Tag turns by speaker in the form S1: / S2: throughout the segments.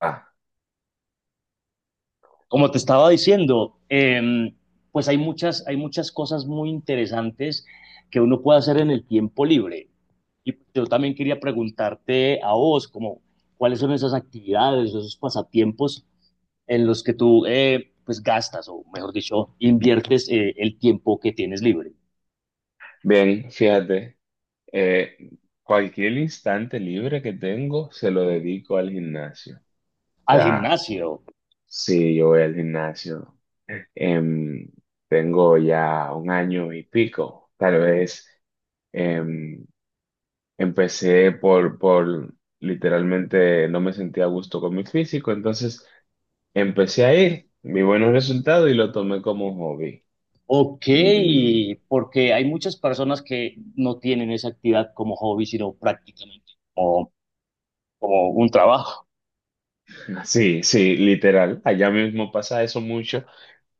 S1: Ah,
S2: Como te estaba diciendo, pues hay muchas cosas muy interesantes que uno puede hacer en el tiempo libre. Y yo también quería preguntarte a vos, como, ¿cuáles son esas actividades, esos pasatiempos en los que tú, gastas, o mejor dicho, inviertes el tiempo que tienes libre?
S1: bien, fíjate, eh, cualquier instante libre que tengo se lo dedico al gimnasio. O
S2: Al
S1: sea,
S2: gimnasio.
S1: sí, yo voy al gimnasio. Em, tengo ya un año y pico. Tal vez em, empecé por literalmente no me sentía a gusto con mi físico, entonces empecé a ir, vi buenos resultados y lo tomé como hobby.
S2: Ok,
S1: Y
S2: porque hay muchas personas que no tienen esa actividad como hobby, sino prácticamente como, como un trabajo.
S1: sí, sí, literal, allá mismo pasa eso mucho.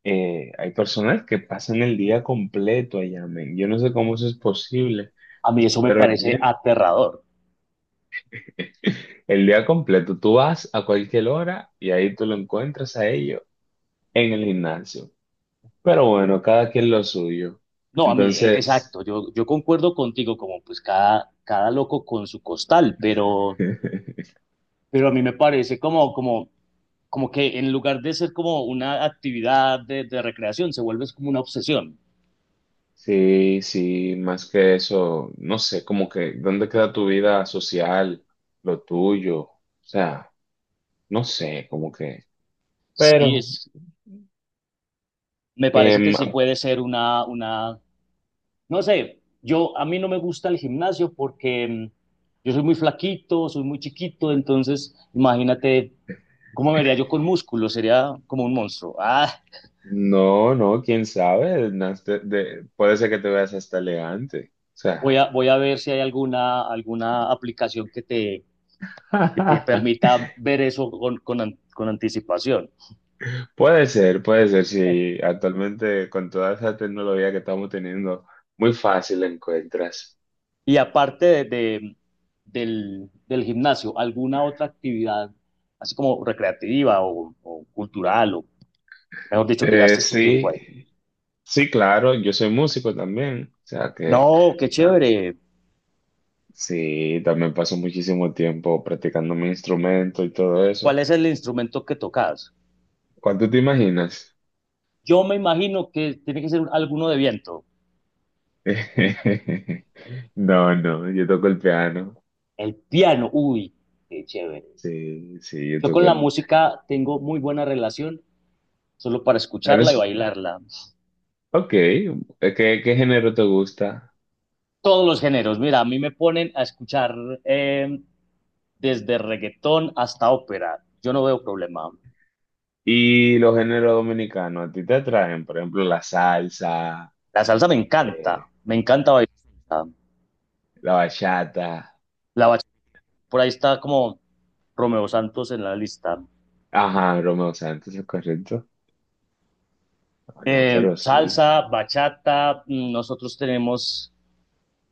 S1: Eh, hay personas que pasan el día completo allá, men. Yo no sé cómo eso es posible,
S2: A mí eso me
S1: pero
S2: parece aterrador.
S1: el día completo, tú vas a cualquier hora y ahí tú lo encuentras a ellos en el gimnasio. Pero bueno, cada quien lo suyo.
S2: No, a mí,
S1: Entonces,
S2: exacto, yo concuerdo contigo, como pues cada loco con su costal, pero a mí me parece como, como, como que en lugar de ser como una actividad de recreación, se vuelve como una obsesión.
S1: sí, sí, más que eso, no sé, como que, ¿dónde queda tu vida social, lo tuyo? O sea, no sé, como que,
S2: Sí,
S1: pero...
S2: es, me parece que
S1: em,
S2: sí puede ser una, no sé, yo, a mí no me gusta el gimnasio porque yo soy muy flaquito, soy muy chiquito, entonces imagínate cómo me vería yo con músculo, sería como un monstruo. Ah,
S1: No, no, quién sabe. Puede ser que te veas hasta elegante. O sea,
S2: Voy a ver si hay alguna, alguna aplicación que te permita ver eso con anticipación.
S1: puede ser, puede ser. Si actualmente con toda esa tecnología que estamos teniendo, muy fácil la encuentras.
S2: Y aparte del gimnasio, ¿alguna otra actividad, así como recreativa o cultural, o mejor dicho, que gastes tu tiempo
S1: Sí,
S2: ahí?
S1: sí, claro. Yo soy músico también. O sea que
S2: No, qué
S1: ah,
S2: chévere.
S1: sí, también paso muchísimo tiempo practicando mi instrumento y todo eso.
S2: ¿Cuál es el instrumento que tocas?
S1: ¿Cuánto te imaginas?
S2: Yo me imagino que tiene que ser alguno de viento.
S1: No, no, yo toco el piano.
S2: El piano, uy, qué chévere.
S1: Sí, sí, yo
S2: Yo
S1: toco
S2: con la
S1: el...
S2: música tengo muy buena relación solo para escucharla y
S1: Eres...
S2: bailarla.
S1: Ok, ¿ qué género te gusta?
S2: Todos los géneros, mira, a mí me ponen a escuchar eh, desde reggaetón hasta ópera, yo no veo problema.
S1: Y los géneros dominicanos, ¿a ti te atraen? Por ejemplo, la salsa,
S2: La salsa
S1: eh,
S2: me encanta bailar.
S1: la bachata.
S2: La bachata, por ahí está como Romeo Santos en la lista.
S1: Ajá, Romeo Santos, ¿es correcto? Bueno, pero sí.
S2: Salsa, bachata, nosotros tenemos,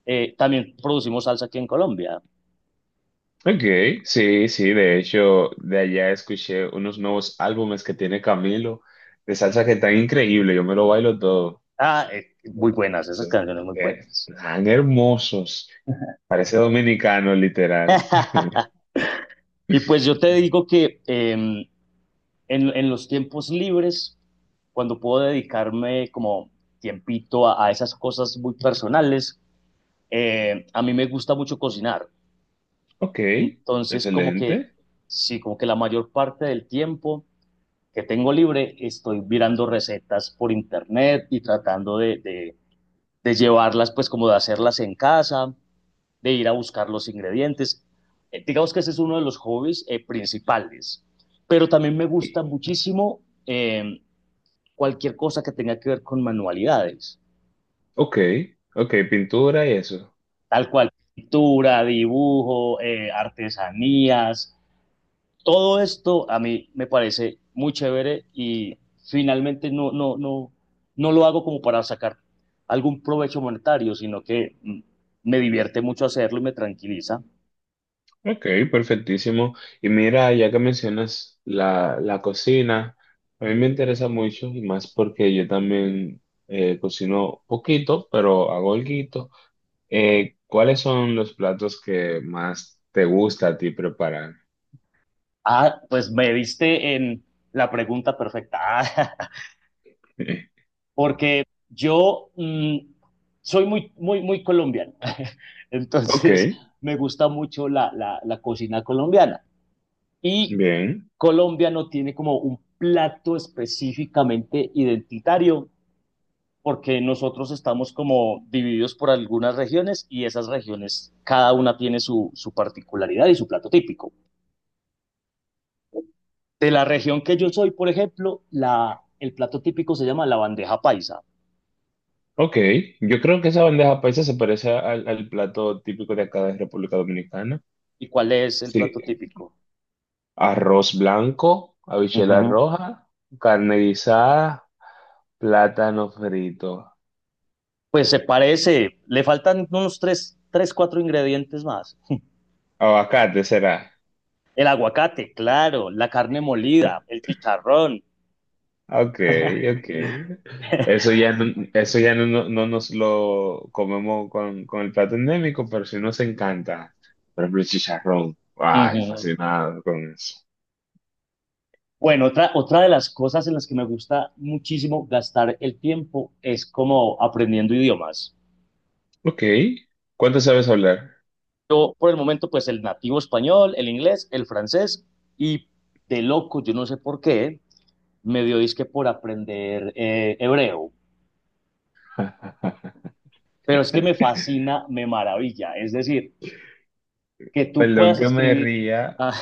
S2: también producimos salsa aquí en Colombia.
S1: Ok, sí, sí, de hecho, de allá escuché unos nuevos álbumes que tiene Camilo, de salsa que están increíbles, yo me lo bailo todo.
S2: Muy buenas, esas
S1: Son-
S2: canciones muy buenas.
S1: Tan hermosos, parece dominicano, literal.
S2: Y pues yo te digo que en los tiempos libres, cuando puedo dedicarme como tiempito a esas cosas muy personales, a mí me gusta mucho cocinar.
S1: Ok,
S2: Entonces, como que,
S1: excelente.
S2: sí, como que la mayor parte del tiempo que tengo libre estoy mirando recetas por internet y tratando de llevarlas, pues como de hacerlas en casa, de ir a buscar los ingredientes. Digamos que ese es uno de los hobbies principales. Pero también me gusta
S1: Y-
S2: muchísimo cualquier cosa que tenga que ver con manualidades,
S1: Ok, ok, pintura y eso.
S2: tal cual, pintura, dibujo, artesanías, todo esto a mí me parece muy chévere y finalmente no lo hago como para sacar algún provecho monetario, sino que me divierte mucho hacerlo y me tranquiliza.
S1: Ok, perfectísimo. Y mira, ya que mencionas la cocina, a mí me interesa mucho y más porque yo también cocino poquito, pero hago alguito. ¿Cuáles son los platos que más te gusta a ti preparar?
S2: Ah, pues me diste en la pregunta perfecta. Ah, porque yo soy muy colombiano,
S1: Ok,
S2: entonces me gusta mucho la cocina colombiana y
S1: bien.
S2: Colombia no tiene como un plato específicamente identitario porque nosotros estamos como divididos por algunas regiones y esas regiones, cada una tiene su, su particularidad y su plato típico. De la región que yo soy, por ejemplo, el plato típico se llama la bandeja paisa.
S1: Ok, yo creo que esa bandeja paisa se parece al plato típico de acá de República Dominicana.
S2: ¿Y cuál es el
S1: Sí,
S2: plato típico?
S1: arroz blanco, habichuela
S2: Ujú.
S1: roja, carne guisada, plátano frito.
S2: Pues se parece, le faltan unos tres, cuatro ingredientes más.
S1: Aguacate será.
S2: El aguacate, claro, la carne molida, el chicharrón.
S1: Ok, ok. Eso ya no, no nos lo comemos con el plato endémico, pero sí nos encanta. Por ejemplo, el chicharrón. Ay,
S2: Ujú.
S1: fascinado con eso.
S2: Bueno, otra de las cosas en las que me gusta muchísimo gastar el tiempo es como aprendiendo idiomas.
S1: Ok. ¿Cuánto sabes hablar?
S2: Yo, por el momento, pues el nativo español, el inglés, el francés y de loco, yo no sé por qué, me dio disque por aprender hebreo. Pero es que me fascina, me maravilla. Es decir, que tú
S1: Perdón
S2: puedas
S1: que me
S2: escribir.
S1: ría.
S2: Ah,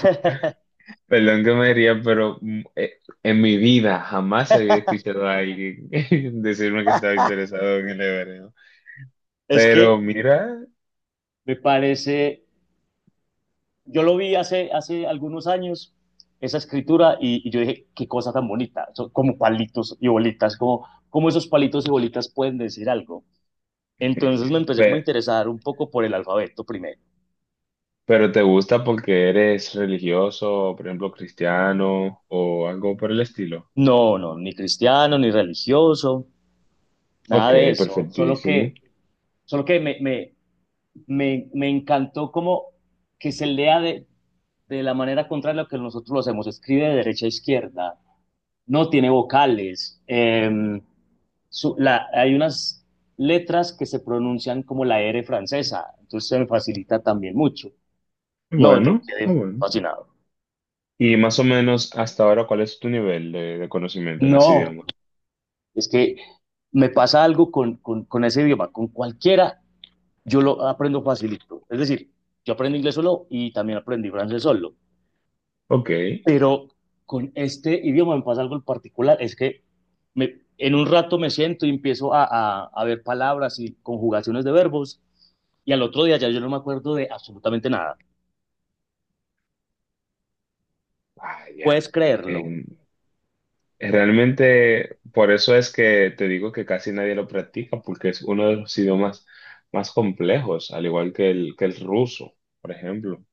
S1: Perdón que me ría, pero en mi vida jamás había escuchado a alguien decirme que estaba interesado en el hebreo.
S2: Es que
S1: Pero mira,
S2: me parece, yo lo vi hace algunos años, esa escritura, y yo dije, qué cosa tan bonita, son como palitos y bolitas, como, como esos palitos y bolitas pueden decir algo. Entonces me empecé como a
S1: pe-
S2: interesar un poco por el alfabeto primero.
S1: pero te gusta porque eres religioso, por ejemplo, cristiano o algo por el estilo.
S2: No, no, ni cristiano, ni religioso, nada
S1: Ok,
S2: de eso,
S1: perfectísimo.
S2: solo que me encantó como que se lea de la manera contraria a lo que nosotros lo hacemos. Escribe de derecha a izquierda, no tiene vocales. Hay unas letras que se pronuncian como la R francesa, entonces se me facilita también mucho. No, yo
S1: Bueno, muy
S2: quedé
S1: bueno.
S2: fascinado.
S1: Y más o menos hasta ahora, ¿cuál es tu nivel de conocimiento en ese
S2: No,
S1: idioma?
S2: es que me pasa algo con ese idioma, con cualquiera, yo lo aprendo facilito. Es decir, yo aprendo inglés solo y también aprendí francés solo.
S1: Ok,
S2: Pero con este idioma me pasa algo en particular, es que me, en un rato me siento y empiezo a ver palabras y conjugaciones de verbos, y al otro día ya yo no me acuerdo de absolutamente nada.
S1: vaya.
S2: ¿Puedes creerlo?
S1: Realmente, por eso es que te digo que casi nadie lo practica, porque es uno de los idiomas más complejos, al igual que el ruso, por ejemplo,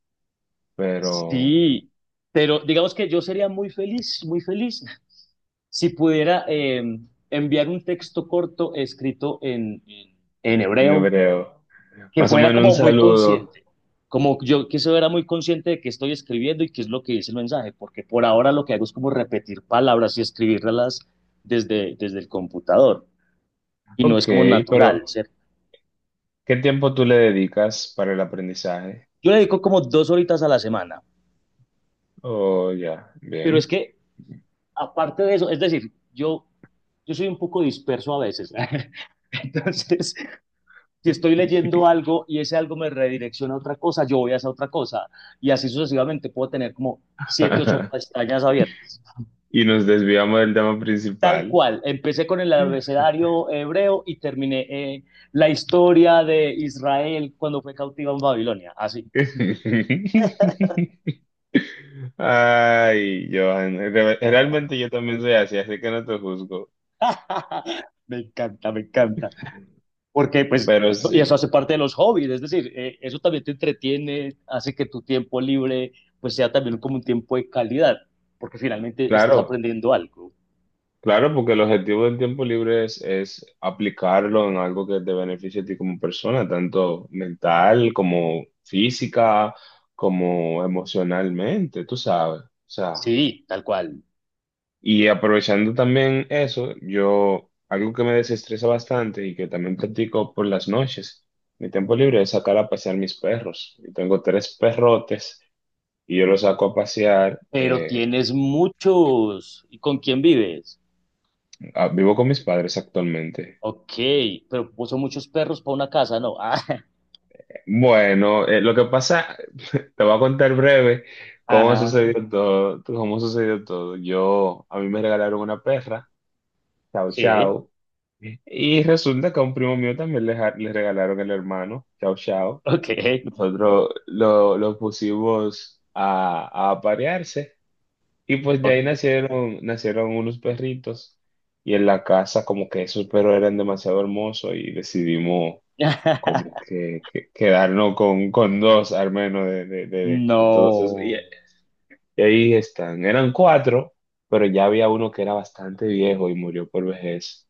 S1: pero
S2: Sí, pero digamos que yo sería muy feliz, si pudiera enviar un texto corto escrito en
S1: en
S2: hebreo
S1: hebreo.
S2: que
S1: Más o
S2: fuera
S1: menos un
S2: como muy
S1: saludo.
S2: consciente, como yo que se fuera muy consciente de qué estoy escribiendo y qué es lo que dice el mensaje, porque por ahora lo que hago es como repetir palabras y escribirlas desde el computador y no
S1: Ok,
S2: es como natural,
S1: pero
S2: ¿cierto?
S1: ¿qué tiempo tú le dedicas para el aprendizaje?
S2: Yo le dedico como 2 horitas a la semana,
S1: Oh, ya,
S2: pero es
S1: bien.
S2: que aparte de eso, es decir, yo soy un poco disperso a veces. ¿eh? Entonces, si estoy leyendo algo y ese algo me redirecciona a otra cosa, yo voy a esa otra cosa. Y así sucesivamente puedo tener como siete, ocho pestañas abiertas.
S1: Y nos desviamos del tema
S2: Tal
S1: principal.
S2: cual. Empecé con el abecedario hebreo y terminé la historia de Israel cuando fue cautiva en Babilonia. Así.
S1: Ay, Johan, realmente yo también soy así, así que no te juzgo,
S2: Me encanta, me encanta. Porque pues,
S1: pero
S2: y eso
S1: sí,
S2: hace parte de los hobbies, es decir, eso también te entretiene, hace que tu tiempo libre pues sea también como un tiempo de calidad, porque finalmente estás
S1: claro,
S2: aprendiendo algo.
S1: claro, porque el objetivo del tiempo libre es aplicarlo en algo que te beneficie a ti como persona, tanto mental como física, como emocionalmente, tú sabes, o sea.
S2: Sí, tal cual.
S1: Y aprovechando también eso, yo, algo que me desestresa bastante y que también practico por las noches, mi tiempo libre es sacar a pasear mis perros. Yo tengo tres perrotes y yo los saco a pasear.
S2: Pero tienes muchos. ¿Y con quién vives?
S1: Ah, vivo con mis padres actualmente.
S2: Ok, pero son muchos perros para una casa, ¿no?
S1: Bueno, lo que pasa, te voy a contar breve cómo
S2: Ajá.
S1: sucedió todo, cómo sucedió todo. Yo, a mí me regalaron una perra, Chao
S2: Sí,
S1: Chao. Y resulta que a un primo mío también le regalaron el hermano, Chao Chao.
S2: ok,
S1: Nosotros lo pusimos a aparearse y pues de
S2: ok.
S1: ahí nacieron unos perritos y en la casa como que esos perros eran demasiado hermosos y decidimos como que, quedarnos con dos al menos de todos esos.
S2: No.
S1: Y ahí están, eran cuatro, pero ya había uno que era bastante viejo y murió por vejez.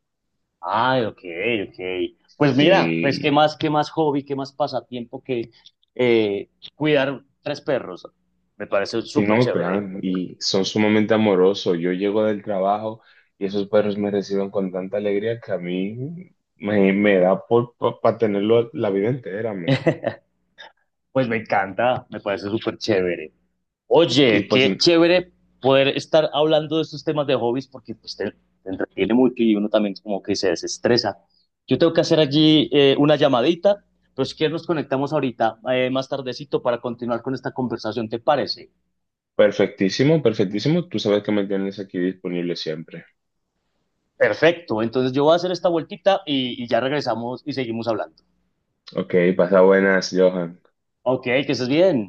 S2: Ay, ok, ok. Pues mira, pues
S1: Sí.
S2: qué más hobby, qué más pasatiempo que eh, cuidar tres perros. Me parece
S1: Sí,
S2: súper
S1: no,
S2: chévere.
S1: claro, y son sumamente amorosos. Yo llego del trabajo y esos perros me reciben con tanta alegría que a mí me, me da por para tenerlo la vida entera, men.
S2: Pues me encanta, me parece súper chévere.
S1: Y
S2: Oye,
S1: pues
S2: qué chévere poder estar hablando de estos temas de hobbies porque pues, te entretiene mucho y uno también como que se desestresa. Yo tengo que hacer allí una llamadita, pero si quieres nos conectamos ahorita más tardecito para continuar con esta conversación, ¿te parece?
S1: perfectísimo, perfectísimo. Tú sabes que me tienes aquí disponible siempre.
S2: Perfecto, entonces yo voy a hacer esta vueltita y ya regresamos y seguimos hablando.
S1: Ok, pasa buenas, Johan.
S2: Ok, que estés bien.